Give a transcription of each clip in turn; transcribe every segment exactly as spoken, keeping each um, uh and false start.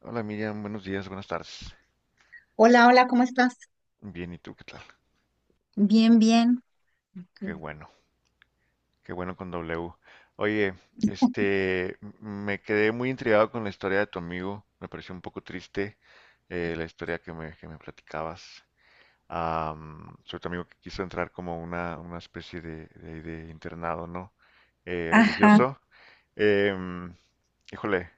Hola Miriam, buenos días, buenas tardes. Hola, hola, ¿cómo estás? Bien, ¿y tú qué tal? Bien, bien. Qué bueno, qué bueno con W. Oye, este, m- me quedé muy intrigado con la historia de tu amigo. Me pareció un poco triste, eh, la historia que me, que me platicabas. Am, sobre tu amigo que quiso entrar como una, una especie de, de- de internado, ¿no? Eh, Ajá. Religioso. Em, Híjole,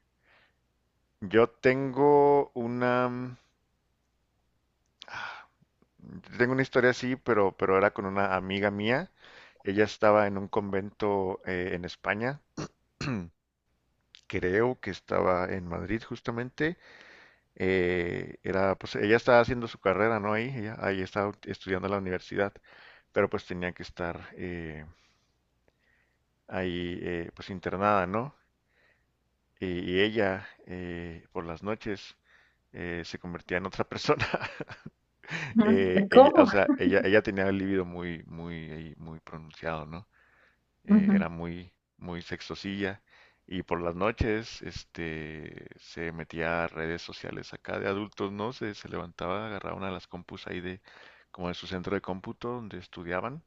yo tengo una... ah, Tengo una historia así, pero, pero era con una amiga mía. Ella estaba en un convento, eh, en España. Creo que estaba en Madrid justamente. Eh, era, pues, ella estaba haciendo su carrera, ¿no? Ahí, ella, ahí estaba estudiando en la universidad, pero pues tenía que estar, eh, ahí, eh, pues internada, ¿no? Y, y ella, eh, por las noches, eh, se convertía en otra persona. Ujú. Eh, ella, o ¿Cómo? sea, ella, ella tenía el libido muy, muy, ahí, muy pronunciado, ¿no? Eh, ujú. Era muy, muy sexosilla. Y por las noches, este, se metía a redes sociales acá de adultos, ¿no? Se, se levantaba, agarraba una de las compus ahí de, como de su centro de cómputo donde estudiaban.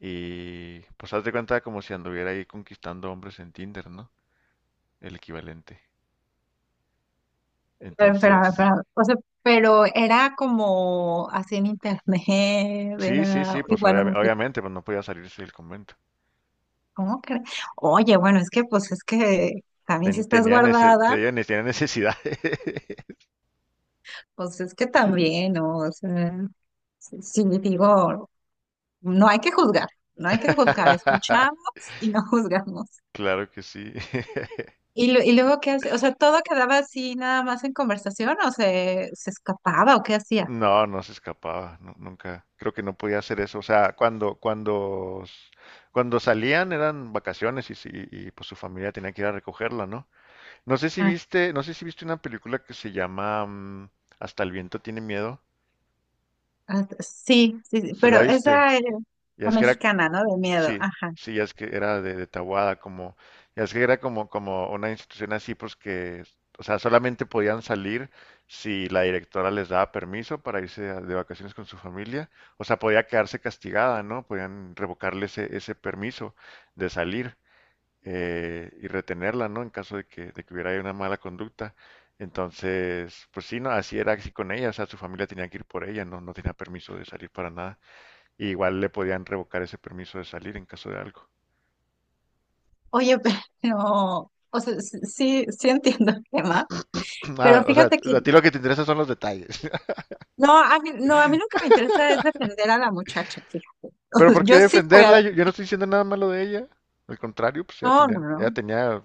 Y pues haz de cuenta como si anduviera ahí conquistando hombres en Tinder, ¿no? El equivalente. Pero, pero, Entonces, pero, o sea, pero era como así en internet, sí, sí, era sí, pues igual a obvia- Netflix. obviamente, pues no podía salirse del convento. ¿Cómo crees? Oye, bueno, es que pues es que también si Ten- estás tenía, nece- guardada, tenía- tenía necesidad. pues es que también, ¿no? O sea, si, si digo, no hay que juzgar, no hay que juzgar, escuchamos y no juzgamos. Claro que sí. Y, lu- y luego, ¿qué hace? O sea, ¿todo quedaba así nada más en conversación o se, se escapaba o qué hacía? No, no se escapaba, nu- nunca. Creo que no podía hacer eso. O sea, cuando, cuando, s- cuando salían eran vacaciones y, si- y, pues su familia tenía que ir a recogerla, ¿no? No sé si Ah, viste, no sé si viste una película que se llama, mm, Hasta el viento tiene miedo. ah, sí, sí, sí, ¿Se la pero viste? esa es Ya la es que era mexicana, ¿no? De miedo, Sí, ajá. sí, ya es que era de, de Tahuada, como, ya es que era como, como una institución así, pues que, o sea, solamente podían salir si la directora les daba permiso para irse a- de vacaciones con su familia, o sea, podía quedarse castigada, ¿no? Podían revocarle ese, ese permiso de salir, eh, y retenerla, ¿no? En caso de que, de que hubiera ahí una mala conducta. Entonces, pues sí, no, así era así con ella, o sea, su familia tenía que ir por ella, no, no tenía permiso de salir para nada y igual le podían revocar ese permiso de salir en caso de algo. Oye, pero, o sea, sí, sí sí entiendo el tema, Ah, pero o sea, fíjate que, a ti lo que te interesa son los detalles. no, a mí, no, a mí lo que me interesa es defender a la muchacha, fíjate. O Pero sea, ¿por qué yo sí voy a, defenderla? Yo, yo no estoy diciendo nada malo de ella. Al contrario, pues ella no, tenía, ella no, tenía,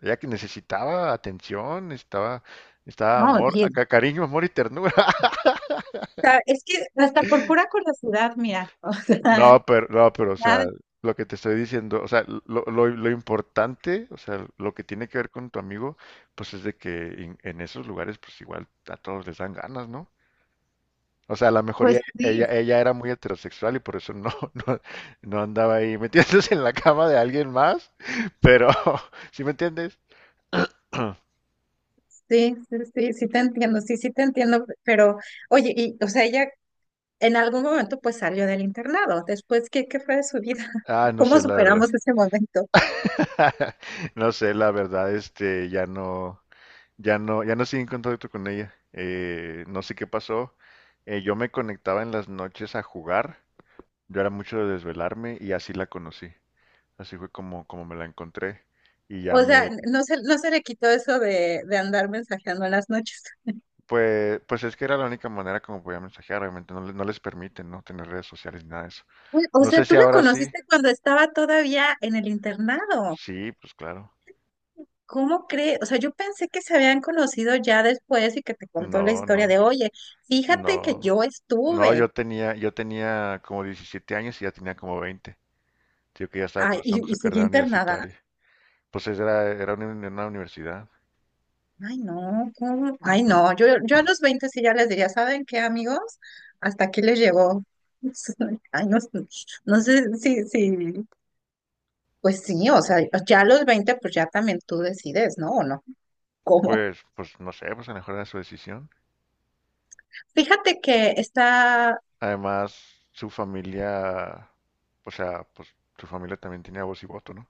ella que necesitaba atención, necesitaba, necesitaba no, no, amor, a- y- ca- cariño, amor y ternura. o sea, es que hasta por pura curiosidad, mira, o sea, No, pero, no, pero, o nada, sea, lo que te estoy diciendo, o sea, lo, lo, lo importante, o sea, lo que tiene que ver con tu amigo, pues es de que en, en esos lugares, pues igual a todos les dan ganas, ¿no? O sea, a lo mejor ella, pues sí, ella, ella era muy heterosexual y por eso no, no, no andaba ahí metiéndose en la cama de alguien más, pero ¿sí me entiendes? sí, sí, sí, sí te entiendo, sí, sí te entiendo, pero, oye, y, o sea, ella en algún momento pues salió del internado. Después, ¿qué, qué fue de su vida? Ah, no ¿Cómo sé la verdad. superamos ese momento? No sé la verdad, este, ya no, ya no, ya no sigo en contacto con ella. Eh, no sé qué pasó. Eh, yo me conectaba en las noches a jugar. Yo era mucho de desvelarme y así la conocí. Así fue como, como me la encontré y ya O sea, me, no se, no se le quitó eso de, de andar mensajeando en las noches. Pues, pues es que era la única manera como podía mensajear. Obviamente no, le- no les permiten no tener redes sociales ni nada de eso. Uy, o No sea, sé tú si la ahora sí. conociste cuando estaba todavía en el internado. Sí, pues claro. ¿Cómo crees? O sea, yo pensé que se habían conocido ya después y que te contó la No, historia no, de, oye, fíjate que no. yo No, yo estuve tenía, yo tenía como diecisiete años y ya tenía como veinte. Tío que ya estaba ah, y, cursando su y seguí carrera internada. universitaria. Pues esa era, era una, una universidad. Ay, no, ¿cómo? Ay, no, yo, yo a los veinte sí ya les diría, ¿saben qué, amigos? Hasta aquí les llegó. Ay, no, no sé si, si, pues sí, o sea, ya a los veinte pues ya también tú decides, ¿no? ¿O no? ¿Cómo? Pues, pues no sé, pues a lo mejor era su decisión. Fíjate que está, Además, su familia, o sea, pues su familia también tenía voz y voto, ¿no?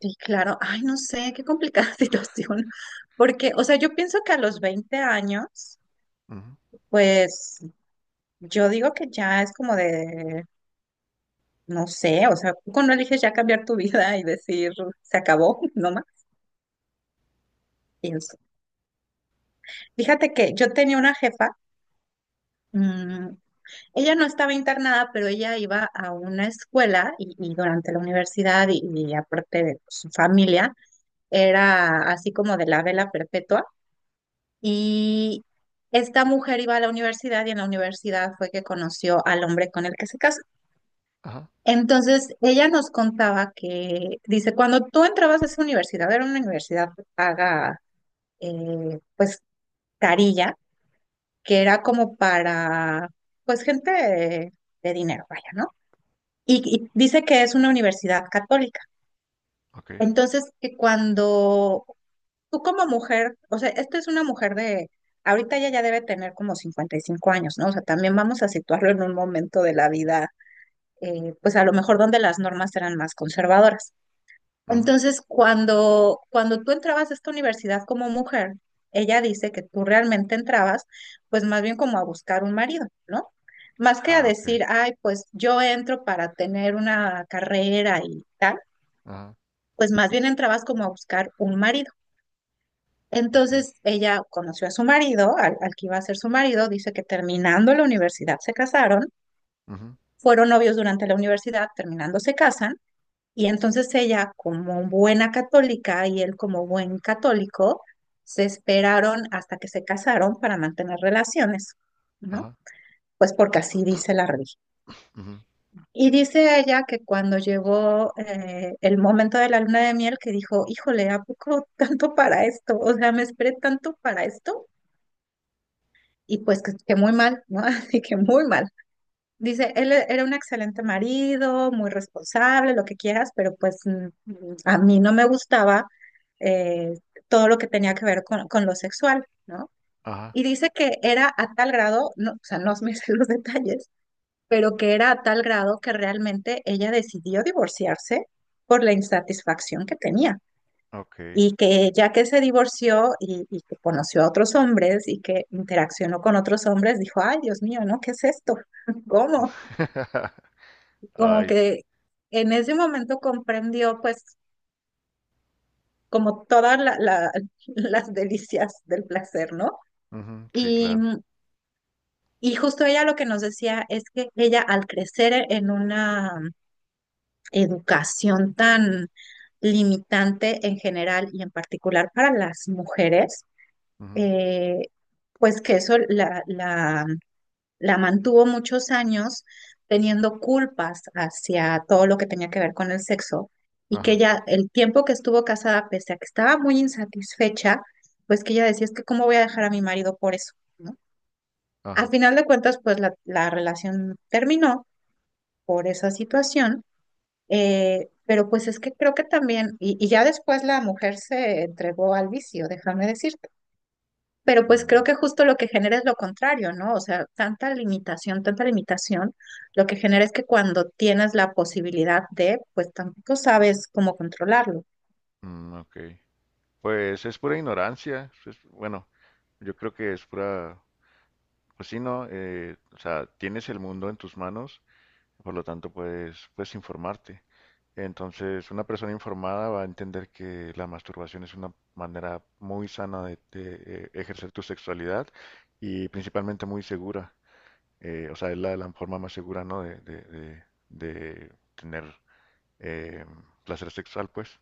sí, claro, ay, no sé, qué complicada situación, porque, o sea, yo pienso que a los veinte años, Ujú. pues yo digo que ya es como de, no sé, o sea, tú cuando eliges ya cambiar tu vida y decir, se acabó, ¿no? Más. Pienso. Fíjate que yo tenía una jefa, mm, ella no estaba internada, pero ella iba a una escuela y, y durante la universidad y, y aparte de su familia, era así como de la vela perpetua. Y esta mujer iba a la universidad y en la universidad fue que conoció al hombre con el que se casó. Ajá, Entonces, ella nos contaba que, dice, cuando tú entrabas a esa universidad, era una universidad paga, eh, pues, carilla, que era como para, pues, gente de, de dinero, vaya, ¿no? Y, y dice que es una universidad católica. ok. Entonces, que cuando tú como mujer, o sea, esta es una mujer de, ahorita ella ya debe tener como cincuenta y cinco años, ¿no? O sea, también vamos a situarlo en un momento de la vida, eh, pues a lo mejor donde las normas eran más conservadoras. Ujú. Entonces, cuando, cuando tú entrabas a esta universidad como mujer, ella dice que tú realmente entrabas, pues más bien como a buscar un marido, ¿no? Más que a Ah, ok. decir, ay, pues yo entro para tener una carrera y tal, Ajá, pues más bien entrabas como a buscar un marido. ok. Entonces, ella conoció a su marido, al, al que iba a ser su marido, dice que terminando la universidad se casaron, Ujú, fueron novios durante la universidad, terminando se casan. Y entonces ella, como buena católica y él como buen católico, se esperaron hasta que se casaron para mantener relaciones, ¿no? ajá, Pues porque así dice la religión. ujú, Y dice ella que cuando llegó eh, el momento de la luna de miel, que dijo, híjole, ¿a poco tanto para esto? O sea, me esperé tanto para esto. Y pues que, que muy mal, ¿no? Así que muy mal. Dice, él e- era un excelente marido, muy responsable, lo que quieras, pero pues mm, mm, a mí no me gustaba eh, todo lo que tenía que ver con, con lo sexual, ¿no? ajá, Y dice que era a tal grado, no, o sea, no me sé los detalles, pero que era a tal grado que realmente ella decidió divorciarse por la insatisfacción que tenía. ok. Y que ya que se divorció y, y que conoció a otros hombres y que interaccionó con otros hombres, dijo, ay, Dios mío, ¿no? ¿Qué es esto? ¿Cómo? Como Ay, que en ese momento comprendió pues como todas la- la- las delicias del placer, ¿no? ujú, sí, Y, claro. y justo ella lo que nos decía es que ella al crecer en una educación tan limitante en general y en particular para las mujeres, Ujú, eh, pues que eso la, la la mantuvo muchos años teniendo culpas hacia todo lo que tenía que ver con el sexo y que ajá, ella, el tiempo que estuvo casada, pese a que estaba muy insatisfecha, pues que ella decía, es que cómo voy a dejar a mi marido por eso, ¿no? Al ajá. final de cuentas, pues la, la relación terminó por esa situación, eh, pero pues es que creo que también, y, y ya después la mujer se entregó al vicio, déjame decir, pero pues creo Mm, que justo lo que genera es lo contrario, ¿no? O sea, tanta limitación, tanta limitación, lo que genera es que cuando tienes la posibilidad de, pues tampoco sabes cómo controlarlo. mm, ok. Pues es pura ignorancia. Pues, bueno, yo creo que es pura, pues sí, ¿no? Eh, o sea, tienes el mundo en tus manos, por lo tanto puedes, puedes informarte. Entonces, una persona informada va a entender que la masturbación es una manera muy sana de, de, eh, ejercer tu sexualidad y principalmente muy segura. Eh, o sea, es la, la forma más segura, ¿no? De, de, de- de tener, eh, placer sexual, pues.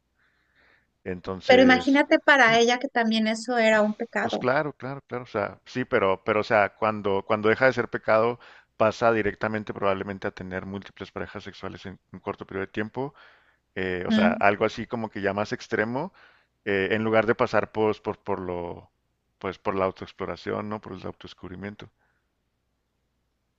Pero Entonces, imagínate para ella que también eso era un pues pecado. claro, claro, claro, o sea, sí, pero, pero, o sea, cuando, cuando deja de ser pecado, pasa directamente probablemente a tener múltiples parejas sexuales en un corto periodo de tiempo, eh, o sea, ¿M? algo así como que ya más extremo, eh, en lugar de pasar pues, por, por lo, pues, por la autoexploración, ¿no? Por el autodescubrimiento.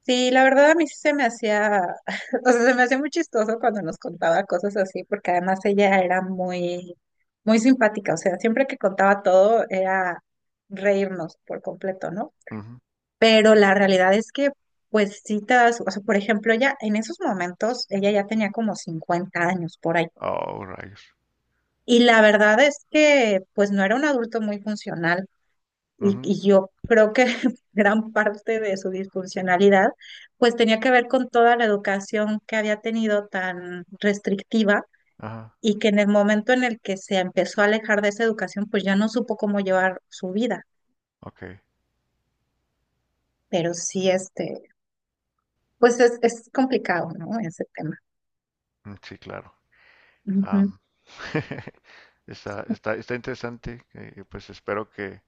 Sí, la verdad a mí sí se me hacía, o sea, se me hacía muy chistoso cuando nos contaba cosas así, porque además ella era muy, muy simpática, o sea, siempre que contaba todo era reírnos por completo, ¿no? Ujú. Pero la realidad es que, pues sí te das, o sea, por ejemplo, ella en esos momentos, ella ya tenía como cincuenta años por ahí. Oh, rayos. Y la verdad es que, pues no era un adulto muy funcional. Y, Ujú. y yo creo que gran parte de su disfuncionalidad, pues tenía que ver con toda la educación que había tenido tan restrictiva Ajá, y que en el momento en el que se empezó a alejar de esa educación, pues ya no supo cómo llevar su vida. ok. Pero sí, este, pues es, es complicado, ¿no? Ese tema. Mm. Sí, claro. Ujú. Am, está, está, está interesante. Eh, pues espero que,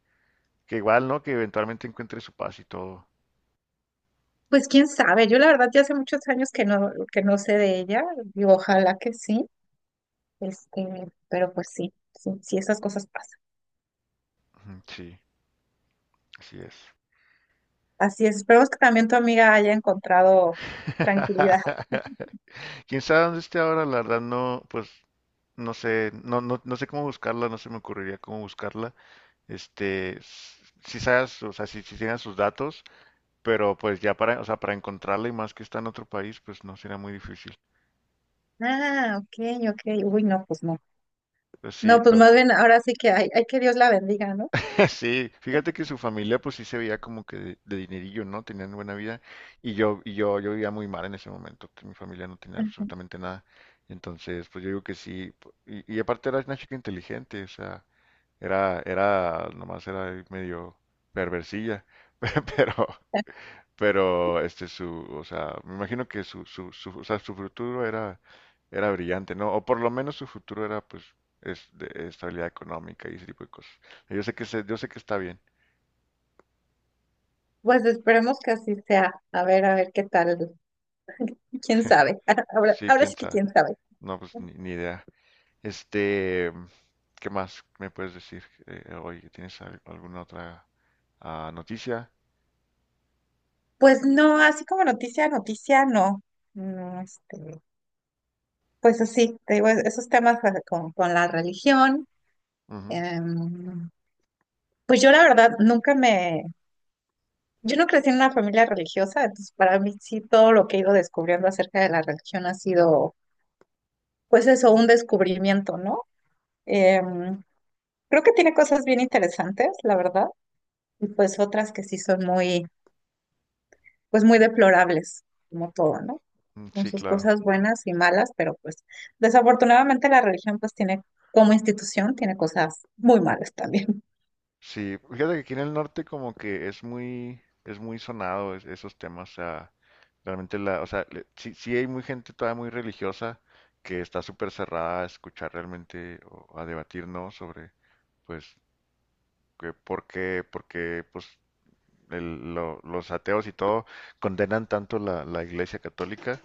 que igual, ¿no? Que eventualmente encuentre su paz y todo. Pues quién sabe, yo la verdad ya hace muchos años que no, que no sé de ella, y ojalá que sí, este, pero pues sí, sí, sí, esas cosas pasan. Ujú. Sí, así es. Así es, esperemos que también tu amiga haya encontrado tranquilidad. Quién sabe dónde esté ahora, la verdad no, pues no sé, no, no, no sé cómo buscarla, no se me ocurriría cómo buscarla. Este, s- si sabes, o sea, si, si tengan sus datos, pero pues ya para, o sea, para encontrarla y más que está en otro país, pues no será muy difícil. Ah, ok, ok, uy, no, pues no. Pues sí, No, pues pero más bien ahora sí que hay, hay que Dios la bendiga, ¿no? sí, fíjate que su familia pues sí se veía como que de, de dinerillo, ¿no? Tenían buena vida y yo y yo yo vivía muy mal en ese momento, que mi familia no tenía absolutamente nada. Entonces, pues yo digo que sí, po- y, y aparte era una chica inteligente, o sea, era era nomás era ahí medio perversilla, pe- pero pero este su, o sea, me imagino que su su su, o sea, su futuro era era brillante, ¿no? O por lo menos su futuro era pues es de estabilidad económica y ese tipo de cosas. Yo sé que se- yo sé que está bien. Pues esperemos que así sea. A ver, a ver qué tal, quién sabe. Ahora, Sí, ahora quién sí que sabe. quién sabe. No, pues ni, ni idea. Este, ¿Qué más me puedes decir, eh, hoy? ¿Tienes al- alguna otra, ah, noticia? Pues no, así como noticia, noticia, no. No, este. Pues así, te digo, es- esos temas eh, con, con la religión. Ujú. em, pues yo la verdad nunca me, yo no crecí en una familia religiosa, entonces para mí sí todo lo que he ido descubriendo acerca de la religión ha sido, pues eso, un descubrimiento, ¿no? Em, Creo que tiene cosas bien interesantes, la verdad, y pues otras que sí son muy, pues muy deplorables, como todo, ¿no? Mm. Con Sí, sus claro. cosas buenas y malas, pero pues desafortunadamente la religión pues tiene como institución, tiene cosas muy malas también. Sí, fíjate que aquí en el norte como que es muy, es muy sonado es- esos temas. O sea, realmente la, o sea, le- sí, sí hay muy gente todavía muy religiosa que está súper cerrada a escuchar realmente o a debatir, ¿no? Sobre, pues, que por qué, porque, pues, el- lo- los ateos y todo condenan tanto la, la Iglesia Católica,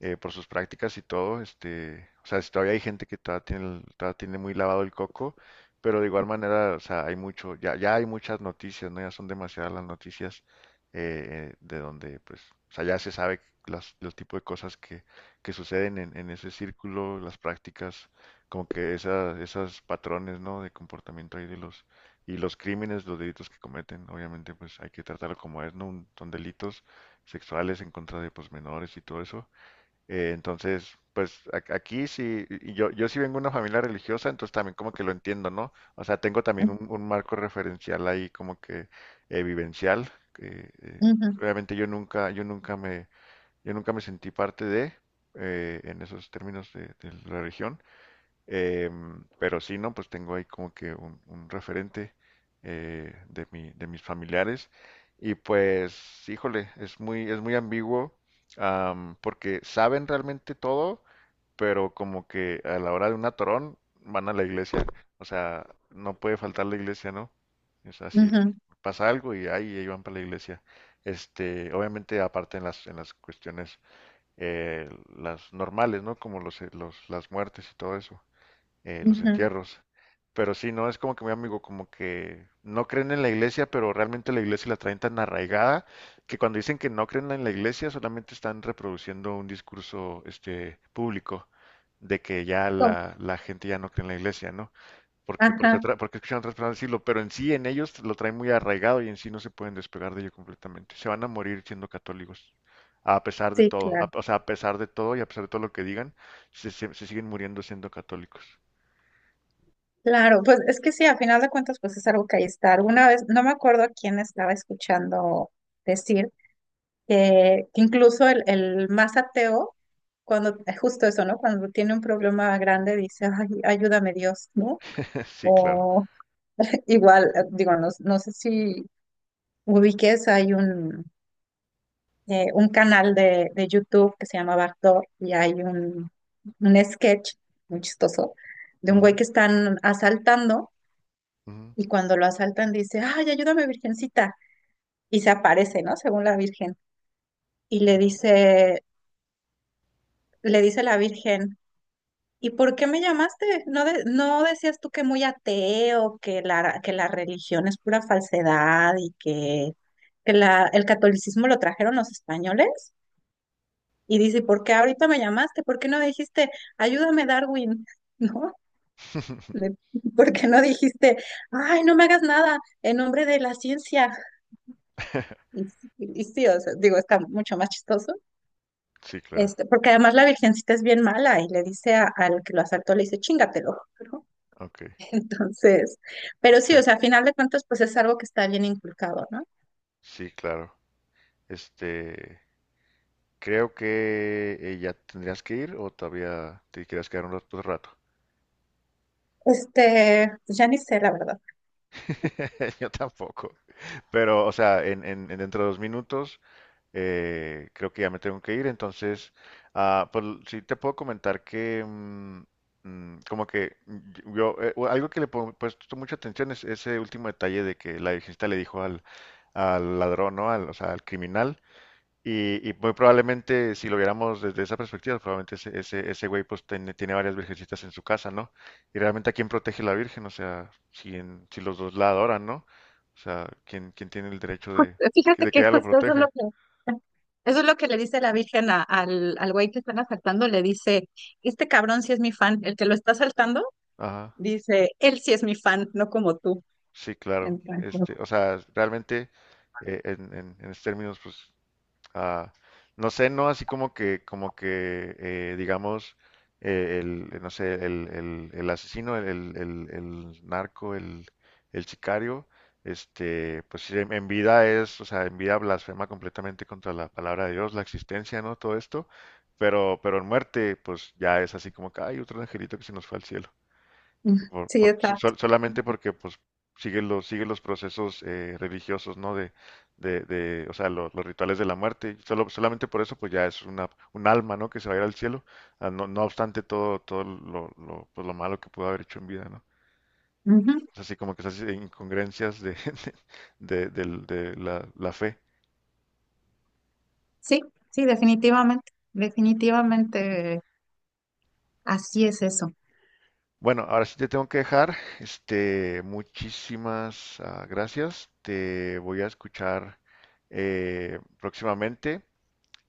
eh, por sus prácticas y todo. Este, o sea, si todavía hay gente que todavía tiene, el- todavía tiene muy lavado el coco, pero de igual manera, o sea, hay mucho, ya, ya hay muchas noticias, ¿no? Ya son demasiadas las noticias, eh, eh, de donde, pues, o sea, ya se sabe las, los tipos de cosas que, que suceden en, en ese círculo, las prácticas, como que esas, esas patrones, ¿no? De comportamiento ahí de los, y los crímenes, los delitos que cometen. Obviamente, pues, hay que tratarlo como es, ¿no? Un- son delitos sexuales en contra de, pues, menores y todo eso. Eh, entonces, pues a- aquí sí, y yo, yo sí vengo de una familia religiosa, entonces también como que lo entiendo, ¿no? O sea, tengo también Ujú, un, un marco referencial ahí como que, eh, vivencial, que, eh, obviamente yo nunca, yo nunca me, yo nunca me sentí parte de, eh, en esos términos de, de la religión. Em, pero sí, ¿no? Pues tengo ahí como que un, un referente, eh, de mi, de mis familiares. Y pues, híjole, es muy, es muy ambiguo, am, porque saben realmente todo, pero como que a la hora de un atorón van a la iglesia. O sea, no puede faltar la iglesia, ¿no? Es así, ujú, pasa algo y ahí, ahí van para la iglesia. Este, obviamente, aparte en las, en las cuestiones, eh, las normales, ¿no? Como los, los, las muertes y todo eso, eh, los ujú. entierros. Pero sí, no es como que mi amigo, como que no creen en la iglesia, pero realmente la iglesia la traen tan arraigada que cuando dicen que no creen en la iglesia, solamente están reproduciendo un discurso este público de que ya Com- la, la gente ya no cree en la iglesia, ¿no? Porque, porque, Ajá, otra- Porque escuchan a otras personas decirlo, pero en sí, en ellos lo traen muy arraigado y en sí no se pueden despegar de ello completamente. Se van a morir siendo católicos, a pesar de sí, todo, a- claro. o sea, a pesar de todo y a pesar de todo lo que digan, se se- se siguen muriendo siendo católicos. Claro, pues es que sí, a final de cuentas, pues es algo que ahí está. Alguna vez, no me acuerdo a quién estaba escuchando decir que, que incluso el, el más ateo, cuando, eh, justo eso, ¿no? Cuando tiene un problema grande, dice, ay, ayúdame Dios, ¿no? Sí, claro. O igual, eh, digo, no, no sé si ubiques, hay un, eh, un canal de, de YouTube que se llama Backdoor y hay un, un sketch muy chistoso de un güey Ujú, que están asaltando ujú. y cuando lo asaltan dice, ay, ayúdame, virgencita. Y se aparece, ¿no? Según la virgen. Y le dice, le dice la virgen, ¿y por qué me llamaste? ¿No de- no decías tú que muy ateo, que la, que la religión es pura falsedad y que, que la, el catolicismo lo trajeron los españoles? Y dice, ¿por qué ahorita me llamaste? ¿Por qué no dijiste, ayúdame, Darwin? ¿No? Le- ¿Por qué no dijiste, ay, no me hagas nada en nombre de la ciencia? Y, sí, y sí, o sea, digo, está mucho más chistoso. Sí, claro. Este, porque además la virgencita es bien mala y le dice a- al que lo asaltó, le dice, chingatelo, ¿no? Ok. Entonces, pero sí, o sea, a final de cuentas, pues es algo que está bien inculcado, ¿no? Sí, claro. Este, Creo que, eh, ya tendrías que ir o todavía te quieres quedar un rato. Otro rato. Este, pues ya ni sé, la verdad. Yo tampoco. Pero, o sea, en, en, en dentro de dos minutos, Eh, creo que ya me tengo que ir. Entonces, ah, pues sí te puedo comentar que, mm, mm, como que mm, yo, eh, o algo que le he puesto mucha atención es ese último detalle de que la virgencita le dijo al, al ladrón, ¿no? Al, o sea, al criminal. Y, y muy probablemente, si lo viéramos desde esa perspectiva, probablemente ese, ese, ese güey pues tiene, tiene varias virgencitas en su casa, ¿no? Y realmente a quién protege la virgen, o sea, si, en- si los dos la adoran, ¿no? O sea, ¿quién, ¿quién tiene el derecho de, Jus- de que, Fíjate de que que ella lo justo eso es lo proteja? que, eso es lo que le dice la Virgen a- al, al güey que están asaltando, le dice, este cabrón sí es mi fan, el que lo está asaltando, Ajá. dice, él sí es mi fan, no como tú. Sí, claro. Entonces, Este, o sea, realmente, eh, en, en, en esos términos, pues, ah, no sé, no así como que, como que, eh, digamos, eh, el, eh, no sé, el, el- el asesino, el, el- el- el narco, el, el sicario, este, pues sí, en en vida es, o sea, en vida blasfema completamente contra la palabra de Dios, la existencia, ¿no? Todo esto, pero, pero en muerte, pues ya es así como que hay otro angelito que se nos fue al cielo mm, y por- sí, por- so- exacto. so- solamente porque pues siguen los, siguen los procesos, eh, religiosos, ¿no? De, de, de, o sea, lo- los rituales de la muerte. Solo, solamente por eso pues ya es una, un alma, ¿no? Que se va a ir al cielo, ah, no, no obstante todo, todo lo, lo, pues, lo malo que pudo haber hecho en vida, ¿no? Ujú. Es así como que esas incongruencias de, de, del- de la, la fe. Sí, sí, definitivamente, definitivamente, así es eso. Bueno, ahora sí te tengo que dejar. Este, muchísimas, ah, gracias. Te voy a escuchar, eh, próximamente.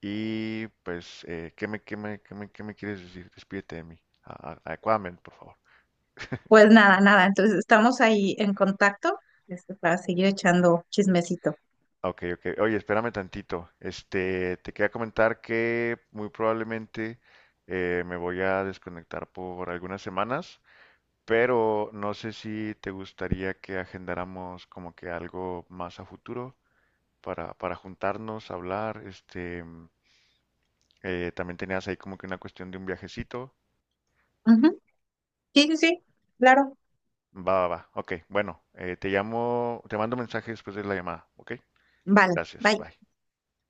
Y pues, eh, ¿qué me, qué me, qué me, qué me quieres decir? Despídete de mí. a- a- Adecuadamente, por favor. Pues nada, nada, entonces estamos ahí en contacto, este, para seguir echando chismecito. Ah, ok, ok. Oye, espérame tantito. Este, te quería comentar que muy probablemente, eh, me voy a desconectar por algunas semanas, pero no sé si te gustaría que agendáramos como que algo más a futuro para, para juntarnos, hablar. Este, eh, también tenías ahí como que una cuestión de un viajecito. Ujú. Sí, sí, sí, claro. Va, va, va. Ok, bueno, eh, te llamo, te mando un mensaje después de la llamada. Ok, Vale, gracias, bye. bye.